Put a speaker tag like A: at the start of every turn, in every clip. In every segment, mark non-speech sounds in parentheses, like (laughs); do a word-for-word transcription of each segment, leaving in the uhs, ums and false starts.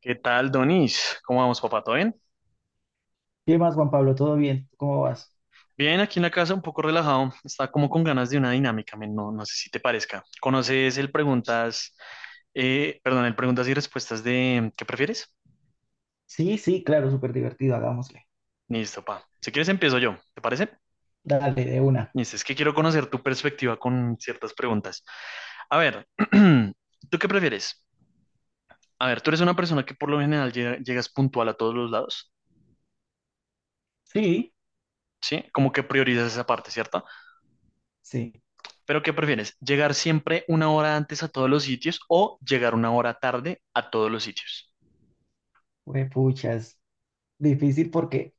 A: ¿Qué tal, Donis? ¿Cómo vamos, papá? ¿Todo bien?
B: ¿Qué más, Juan Pablo? ¿Todo bien? ¿Cómo vas?
A: Bien, aquí en la casa un poco relajado. Está como con ganas de una dinámica, men. No, no sé si te parezca. ¿Conoces el preguntas, eh, perdón, el preguntas y respuestas de ¿qué prefieres?
B: Sí, sí, claro, súper divertido, hagámosle.
A: Listo, pa. Si quieres empiezo yo, ¿te parece?
B: Dale, de una.
A: Listo, es que quiero conocer tu perspectiva con ciertas preguntas. A ver, (clears throat) ¿tú qué prefieres? A ver, tú eres una persona que por lo general llega- llegas puntual a todos los lados,
B: Sí,
A: ¿sí? Como que priorizas esa parte, ¿cierto?
B: sí.
A: Pero ¿qué prefieres? ¿Llegar siempre una hora antes a todos los sitios o llegar una hora tarde a todos los sitios?
B: Puchas. Difícil porque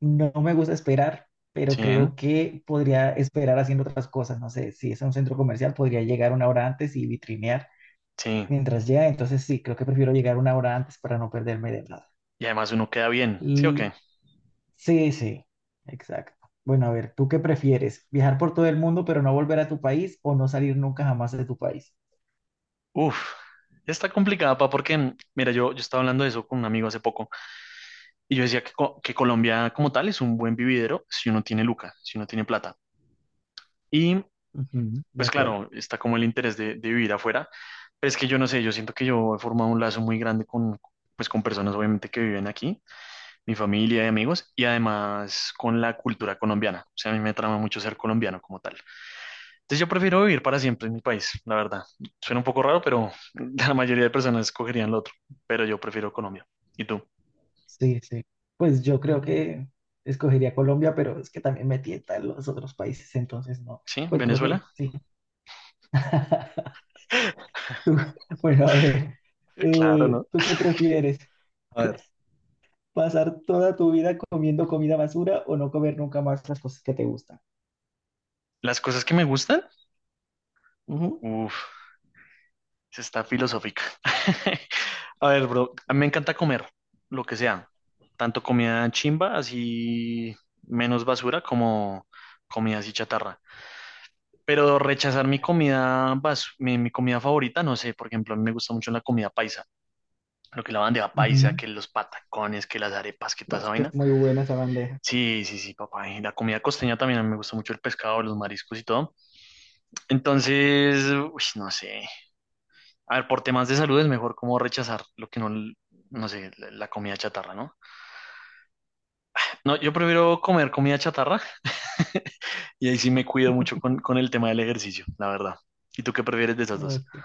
B: no me gusta esperar, pero
A: Sí,
B: creo que podría esperar haciendo otras cosas. No sé, si es a un centro comercial, podría llegar una hora antes y vitrinear
A: sí.
B: mientras llega. Entonces, sí, creo que prefiero llegar una hora antes para no perderme de nada.
A: Y además uno queda bien, ¿sí o
B: L-
A: qué?
B: sí, sí, exacto. Bueno, a ver, ¿tú qué prefieres? ¿Viajar por todo el mundo pero no volver a tu país o no salir nunca jamás de tu país?
A: Uf, está complicada, pa, porque, mm, mira, yo, yo estaba hablando de eso con un amigo hace poco y yo decía que, co- que Colombia como tal es un buen vividero si uno tiene luca, si uno tiene plata. Y
B: Ujú, de
A: pues
B: acuerdo.
A: claro, está como el interés de, de vivir afuera, pero es que yo no sé, yo siento que yo he formado un lazo muy grande con, pues, con personas obviamente que viven aquí, mi familia y amigos, y además con la cultura colombiana. O sea, a mí me trama mucho ser colombiano como tal. Entonces yo prefiero vivir para siempre en mi país, la verdad. Suena un poco raro, pero (laughs) la mayoría de personas escogerían lo otro, pero yo prefiero Colombia. ¿Y tú?
B: Sí, sí. Pues yo creo que escogería Colombia, pero es que también me tientan los otros países, entonces no.
A: ¿Sí?
B: Pues creo
A: ¿Venezuela?
B: que sí. (laughs) Tú- bueno, a ver,
A: (laughs) Claro,
B: eh,
A: ¿no?
B: ¿tú qué prefieres?
A: A ver,
B: ¿Pasar toda tu vida comiendo comida basura o no comer nunca más las cosas que te gustan?
A: las cosas que me gustan,
B: Ujú.
A: uff, está filosófica. (laughs) A ver, bro, a mí me encanta comer lo que sea, tanto comida chimba, así menos basura, como comida así chatarra. Pero rechazar mi comida, bas- mi, mi comida favorita, no sé, por ejemplo, a mí me gusta mucho la comida paisa, lo que es la bandeja paisa,
B: Ujú.
A: que los patacones, que las arepas, que toda esa
B: Vas, que
A: vaina.
B: es muy buena esa bandeja.
A: Sí, sí, sí, papá. Y la comida costeña también, a mí me gusta mucho el pescado, los mariscos y todo. Entonces, uy, no sé. A ver, por temas de salud es mejor como rechazar lo que no, no sé, la, la comida chatarra, ¿no? No, yo prefiero comer comida chatarra (laughs) y ahí sí me cuido mucho con, con el tema del ejercicio, la verdad. ¿Y tú qué prefieres de esas dos?
B: Ok.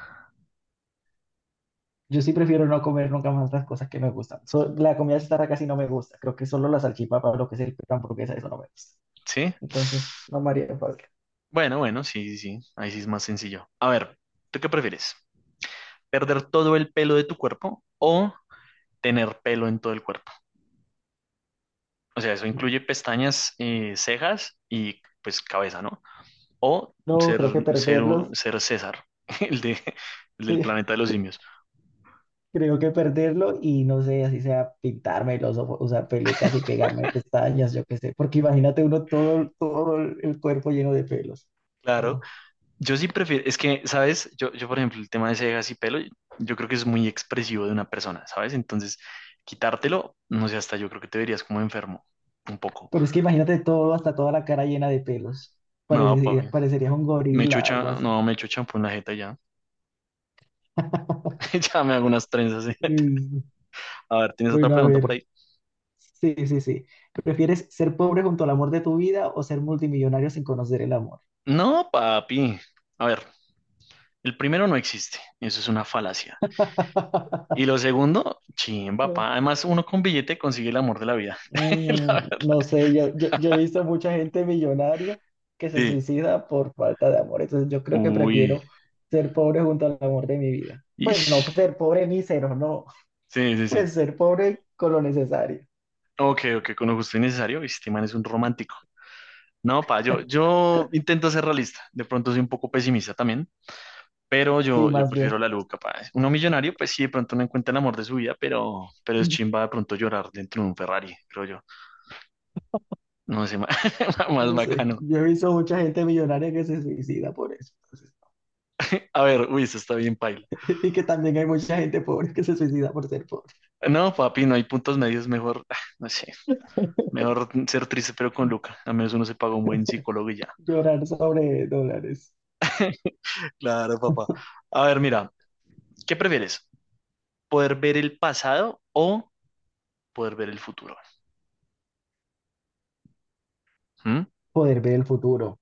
B: Yo sí prefiero no comer nunca más las cosas que me gustan. So- la comida chatarra casi no me gusta. Creo que solo la salchipapa, lo que es el pan, hamburguesa, eso no me gusta.
A: ¿Sí?
B: Entonces, no me haría fácil.
A: Bueno, bueno, sí, sí, sí. Ahí sí es más sencillo. A ver, ¿tú qué prefieres? ¿Perder todo el pelo de tu cuerpo o tener pelo en todo el cuerpo? O sea, eso incluye pestañas, eh, cejas y pues cabeza, ¿no? O
B: No,
A: ser,
B: creo que
A: ser, un-
B: perderlos,
A: ser César, (laughs) el de, el del
B: sí,
A: planeta de los simios.
B: (laughs) creo que perderlo y no sé, así sea pintarme los ojos, usar pelucas y pegarme pestañas, yo qué sé, porque imagínate uno todo, todo el el cuerpo lleno de pelos,
A: Claro,
B: ¿no?
A: yo sí prefiero, es que, ¿sabes? Yo, yo, por ejemplo, el tema de cejas y pelo, yo creo que es muy expresivo de una persona, ¿sabes? Entonces, quitártelo, no sé, hasta yo creo que te verías como enfermo, un poco.
B: Pero es que imagínate todo, hasta toda la cara llena de pelos,
A: No, papi.
B: parecería, parecería un
A: Me echo
B: gorila, algo
A: cha-
B: así.
A: no, me echo champú en la jeta ya.
B: (laughs)
A: (laughs) Ya me hago unas trenzas. (laughs)
B: Es-
A: A ver, ¿tienes otra
B: Bueno, a
A: pregunta por
B: ver,
A: ahí?
B: sí, sí, sí. ¿Prefieres ser pobre junto al amor de tu vida o ser multimillonario sin conocer el amor?
A: No, papi. A ver, el primero no existe. Eso es una falacia. Y
B: (laughs)
A: lo segundo, chimba, pa. Además, uno con billete consigue el amor de la vida. (laughs) La
B: Mm,
A: verdad.
B: no sé, yo, yo, yo he visto mucha gente millonaria que se
A: Sí.
B: suicida por falta de amor, entonces yo creo que
A: Uy.
B: prefiero ser pobre junto al amor de mi vida. Pues no
A: Ish.
B: pues, ser pobre mísero, no,
A: Sí,
B: (laughs)
A: sí, sí.
B: pues ser pobre con lo necesario.
A: Ok, ok, con lo justo y necesario. Este man es un romántico. No, pa, yo, yo intento ser realista. De pronto soy un poco pesimista también. Pero
B: Sí,
A: yo, yo
B: más bien.
A: prefiero la Luca, capaz. Uno millonario, pues sí, de pronto no encuentra el amor de su vida, pero, pero es
B: Mm,
A: chimba de pronto llorar dentro de un Ferrari, creo yo. No sé, (laughs) más, más
B: no sé,
A: bacano.
B: yo he visto mucha gente millonaria que se suicida por eso, entonces,
A: A ver, uy, eso está bien paila.
B: (laughs) y que también hay mucha gente pobre que se suicida por ser pobre.
A: No, papi, no hay puntos medios, mejor, ah, no sé, mejor ser triste pero con
B: (laughs)
A: Luca. A menos uno se paga un buen psicólogo y ya.
B: Llorar sobre dólares.
A: Claro, papá. A ver, mira, ¿qué prefieres? ¿Poder ver el pasado o poder ver el futuro? ¿Mm?
B: Poder ver el futuro.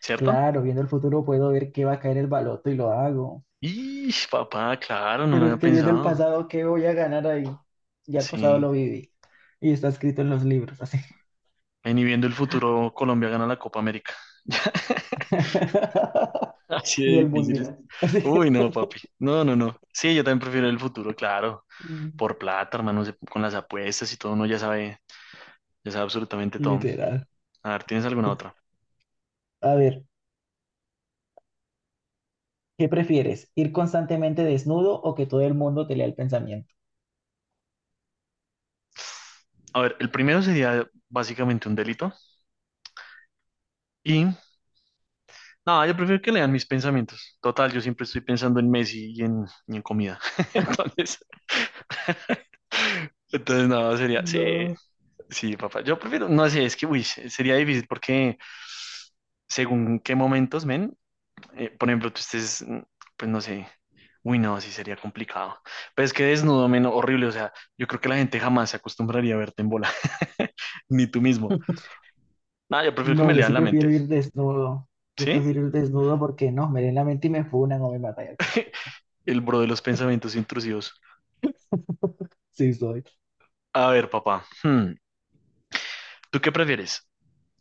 A: ¿Cierto?
B: Claro, viendo el futuro puedo ver qué va a caer el baloto y lo hago.
A: Y papá, claro, no lo
B: Pero
A: había
B: es que viendo el
A: pensado.
B: pasado, ¿qué voy a ganar ahí? Ya el pasado
A: Sí.
B: lo viví. Y está escrito en los libros, así.
A: En y viendo el futuro, Colombia gana la Copa América. (laughs)
B: (laughs)
A: Así
B: Ni
A: de
B: el
A: difíciles.
B: mundial. (laughs) Así.
A: Uy, no, papi. No, no, no. Sí, yo también prefiero el futuro, claro.
B: Mm,
A: Por plata, hermano, se- con las apuestas y todo, uno ya sabe, ya sabe absolutamente todo.
B: literal.
A: A ver, ¿tienes alguna otra?
B: A ver, ¿qué prefieres? ¿Ir constantemente desnudo o que todo el mundo te lea el pensamiento?
A: A ver, el primero sería básicamente un delito. Y, no, yo prefiero que lean mis pensamientos. Total, yo siempre estoy pensando en Messi y en, y en comida. (laughs) Entonces, entonces, no, sería, sí.
B: No.
A: Sí, papá. Yo prefiero, no sé, es que, uy, se- sería difícil porque según qué momentos, men, eh, por ejemplo, tú estés, mm, pues no sé, uy, no, sí sería complicado. Pero es que desnudo, men, horrible, o sea, yo creo que la gente jamás se acostumbraría a verte en bola, (laughs) ni tú mismo.
B: (laughs)
A: No, yo prefiero que
B: No,
A: me
B: yo
A: lean
B: sí
A: la mente,
B: prefiero ir desnudo. Yo
A: ¿sí?
B: prefiero ir desnudo porque no, me leen la mente y me funan o me matan. (laughs)
A: El bro de los pensamientos intrusivos.
B: Sí, soy.
A: A ver, papá, hmm, ¿tú qué prefieres?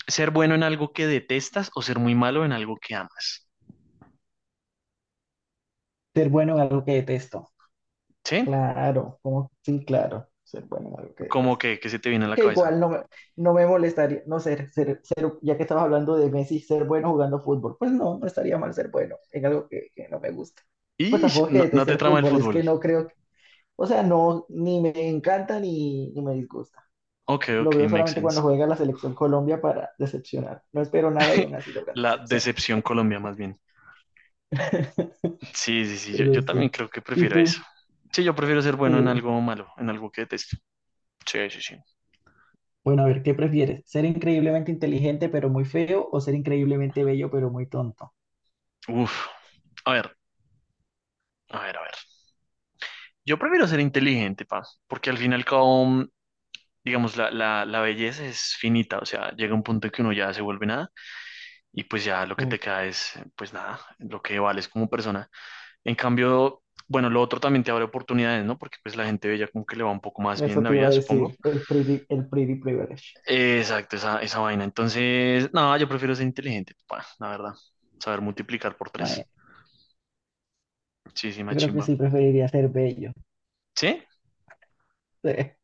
A: ¿Ser bueno en algo que detestas o ser muy malo en algo que amas?
B: Ser bueno en algo que detesto.
A: ¿Sí?
B: Claro, como Sí, claro. Ser bueno en algo que
A: ¿Cómo
B: detesto.
A: que, qué se te viene a la
B: Que
A: cabeza?
B: igual no me, no me molestaría, no ser, ser, ser- ya que estabas hablando de Messi, ser bueno jugando fútbol, pues no, no estaría mal ser bueno en algo que, que no me gusta. Pues
A: Y
B: tampoco es que
A: no, no
B: deteste
A: te
B: el
A: trama el
B: fútbol, es que
A: fútbol.
B: no creo, que- o sea, no, ni me encanta ni, ni me disgusta.
A: Ok,
B: Lo
A: ok,
B: veo
A: makes
B: solamente
A: sense.
B: cuando juega la selección Colombia para decepcionar. No espero nada y aún así logran
A: La
B: decepcionar.
A: decepción Colombia, más bien.
B: (laughs)
A: Sí, sí, sí, yo,
B: Pero
A: yo también
B: sí.
A: creo que
B: ¿Y
A: prefiero eso.
B: tú?
A: Sí, yo prefiero ser bueno en
B: Eh,
A: algo malo, en algo que detesto. Sí, sí, sí.
B: bueno, a ver, ¿qué prefieres? ¿Ser increíblemente inteligente pero muy feo o ser increíblemente bello pero muy tonto?
A: Uf. A ver, a ver, a ver. Yo prefiero ser inteligente, pa, porque al fin y al cabo, mm, digamos, la, la, la belleza es finita, o sea, llega un punto en que uno ya se vuelve nada y pues ya lo que te queda es, pues nada, lo que vales como persona. En cambio, bueno, lo otro también te abre oportunidades, ¿no? Porque pues la gente bella como que le va un poco más bien en
B: Eso
A: la
B: te iba a
A: vida, supongo.
B: decir, el pretty, el pretty privilege.
A: Exacto, esa, esa vaina. Entonces, no, yo prefiero ser inteligente, pa, la verdad. Saber multiplicar por
B: Bueno,
A: tres. Sí, sí,
B: yo creo que
A: machimba.
B: sí preferiría ser bello.
A: ¿Sí?
B: (laughs)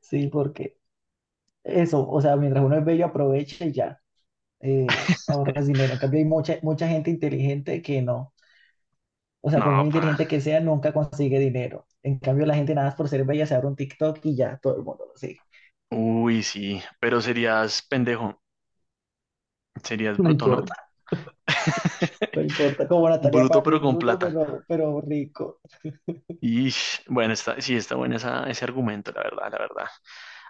B: Sí, porque eso, o sea, mientras uno es bello, aprovecha y ya, eh, ahorras
A: (laughs)
B: dinero. En cambio, hay mucha, mucha gente inteligente que no. O sea,
A: No,
B: por muy
A: pa.
B: inteligente que sea, nunca consigue dinero. En cambio, la gente nada más por ser bella se abre un TikTok y ya todo el mundo lo sigue. (laughs)
A: Uy, sí. Pero serías pendejo. Serías
B: No
A: bruto, ¿no?
B: importa, no
A: (laughs)
B: importa. Como Natalia
A: Bruto pero
B: París,
A: con
B: bruto,
A: plata.
B: pero, pero rico.
A: Y bueno, está, sí, está bueno esa- ese argumento, la verdad, la verdad.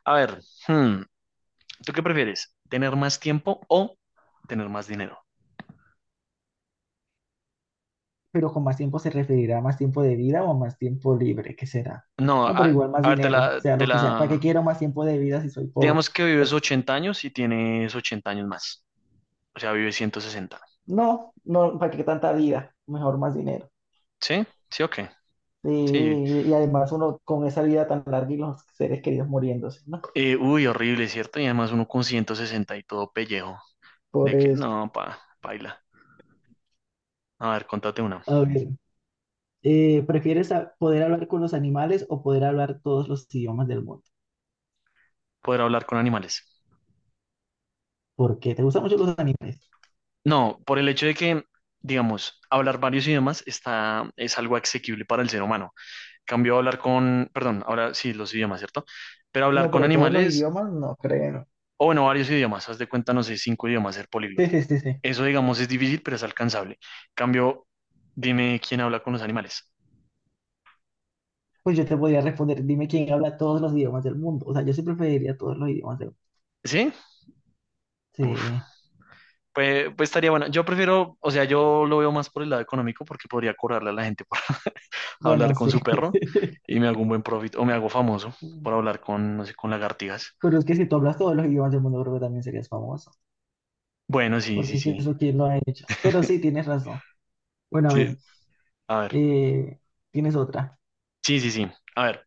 A: A ver, hmm, ¿tú qué prefieres? ¿Tener más tiempo o tener más dinero?
B: Pero con más tiempo se referirá a más tiempo de vida o a más tiempo libre, ¿qué será?
A: No,
B: No, pero
A: a,
B: igual más
A: a ver, te
B: dinero,
A: la,
B: sea
A: te
B: lo que sea. ¿Para qué
A: la...
B: quiero más tiempo de vida si soy pobre?
A: Digamos que vives
B: Así,
A: ochenta años y tienes ochenta años más. O sea, vives ciento sesenta.
B: no, no, ¿para qué tanta vida? Mejor más dinero.
A: ¿Sí? ¿Sí o qué? Sí.
B: Eh, y además uno con esa vida tan larga y los seres queridos muriéndose, ¿no?
A: Eh, uy, horrible, ¿cierto? Y además uno con ciento sesenta y todo pellejo.
B: Por
A: De que,
B: eso.
A: no, pa, baila. A ver, contate una.
B: A ver, eh, ¿prefieres a- poder hablar con los animales o poder hablar todos los idiomas del mundo?
A: Poder hablar con animales.
B: ¿Por qué? ¿Te gustan mucho los animales?
A: No, por el hecho de que, digamos, hablar varios idiomas está, es algo asequible para el ser humano. Cambio a hablar con, perdón, ahora sí, los idiomas, ¿cierto? Pero hablar
B: No,
A: con
B: pero todos los
A: animales,
B: idiomas no creo.
A: o bueno, varios idiomas, haz de cuenta, no sé, cinco idiomas, ser
B: Sí,
A: políglota.
B: sí, sí, sí.
A: Eso, digamos, es difícil, pero es alcanzable. Cambio, dime quién habla con los animales.
B: Pues yo te podría responder, dime quién habla todos los idiomas del mundo. O sea, yo siempre preferiría todos los idiomas del mundo.
A: ¿Sí? Uf.
B: Sí,
A: Pues, pues estaría bueno. Yo prefiero, o sea, yo lo veo más por el lado económico porque podría cobrarle a la gente por (laughs)
B: bueno,
A: hablar con
B: sí.
A: su perro y me hago un buen profit, o me hago famoso por
B: (laughs)
A: hablar con, no sé, con lagartijas.
B: Pero es que si tú hablas todos los idiomas del mundo, creo que también serías famoso.
A: Bueno, sí, sí,
B: Porque es que
A: sí.
B: eso quién lo ha hecho. Pero sí, tienes razón. Bueno, a
A: Sí.
B: ver,
A: A ver.
B: eh, tienes otra.
A: Sí, sí, sí. A ver.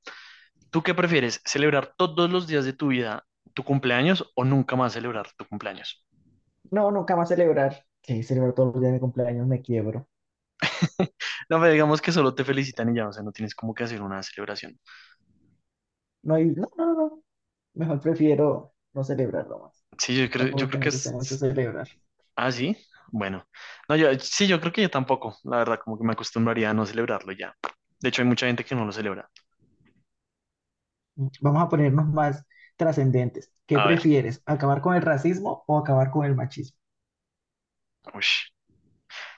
A: ¿Tú qué prefieres? ¿Celebrar todos los días de tu vida tu cumpleaños o nunca más celebrar tu cumpleaños?
B: No, nunca más celebrar. Que celebrar todos los días de mi cumpleaños me quiebro.
A: (laughs) No, pero digamos que solo te felicitan y ya, o sea, no tienes como que hacer una celebración.
B: No, hay- no, no, no. No. Mejor prefiero no celebrarlo más.
A: Sí, yo creo,
B: Tampoco
A: yo
B: es que
A: creo que
B: me guste
A: es...
B: mucho
A: es-
B: celebrar.
A: Ah, sí. Bueno. No, yo, sí, yo creo que yo tampoco. La verdad, como que me acostumbraría a no celebrarlo ya. De hecho, hay mucha gente que no lo celebra.
B: Vamos a ponernos más trascendentes. ¿Qué
A: A ver.
B: prefieres? ¿Acabar con el racismo o acabar con el machismo?
A: Ush.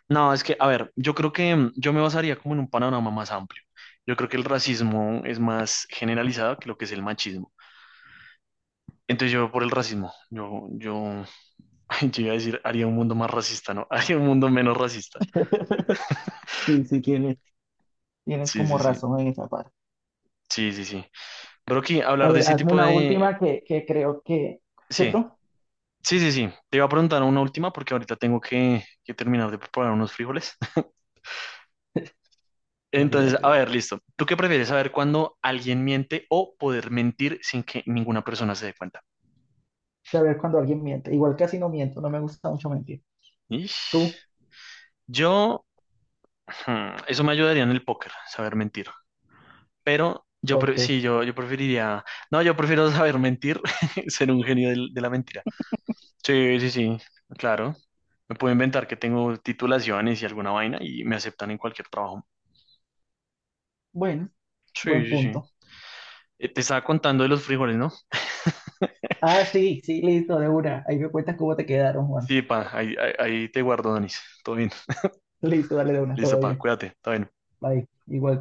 A: No, es que, a ver, yo creo que mm, yo me basaría como en un panorama más amplio. Yo creo que el racismo es más generalizado que lo que es el machismo. Entonces yo por el racismo, yo, yo Ay, yo iba a decir, haría un mundo más racista, ¿no? (laughs) Haría un mundo menos racista.
B: (laughs) Sí, sí, tienes, tienes
A: Sí,
B: como
A: sí, sí.
B: razón en esa parte.
A: Sí, sí, sí. Brocky,
B: A
A: hablar de
B: ver,
A: ese
B: hazme
A: tipo
B: una
A: de...
B: última que, que creo que...
A: Sí,
B: ¿Cierto?
A: sí, sí, sí. Te iba a preguntar una última porque ahorita tengo que, que terminar de preparar unos frijoles. (laughs)
B: Dale,
A: Entonces,
B: dale,
A: a
B: dale.
A: ver, listo. ¿Tú qué prefieres saber cuando alguien miente o poder mentir sin que ninguna persona se dé cuenta?
B: Saber cuando alguien miente. Igual casi no miento, no me gusta mucho mentir. ¿Tú?
A: Ish. Yo, hmm, eso me ayudaría en el póker, saber mentir. Pero yo, pre-
B: Ok.
A: sí, yo, yo preferiría... No, yo prefiero saber mentir, (laughs) ser un genio del- de la mentira. Sí, sí, sí, claro. Me puedo inventar que tengo titulaciones y alguna vaina y me aceptan en cualquier trabajo.
B: Bueno,
A: Sí,
B: buen
A: sí, sí.
B: punto.
A: Eh, te estaba contando de los frijoles, ¿no? (laughs)
B: Ah, sí, sí, listo, de una. Ahí me cuentas cómo te quedaron, Juan.
A: Sí, pa, ahí, ahí, ahí te guardo, Donis. Todo bien.
B: Listo, dale de una,
A: Listo,
B: todo
A: pa,
B: bien.
A: cuídate. Todo bien.
B: Bye, igual.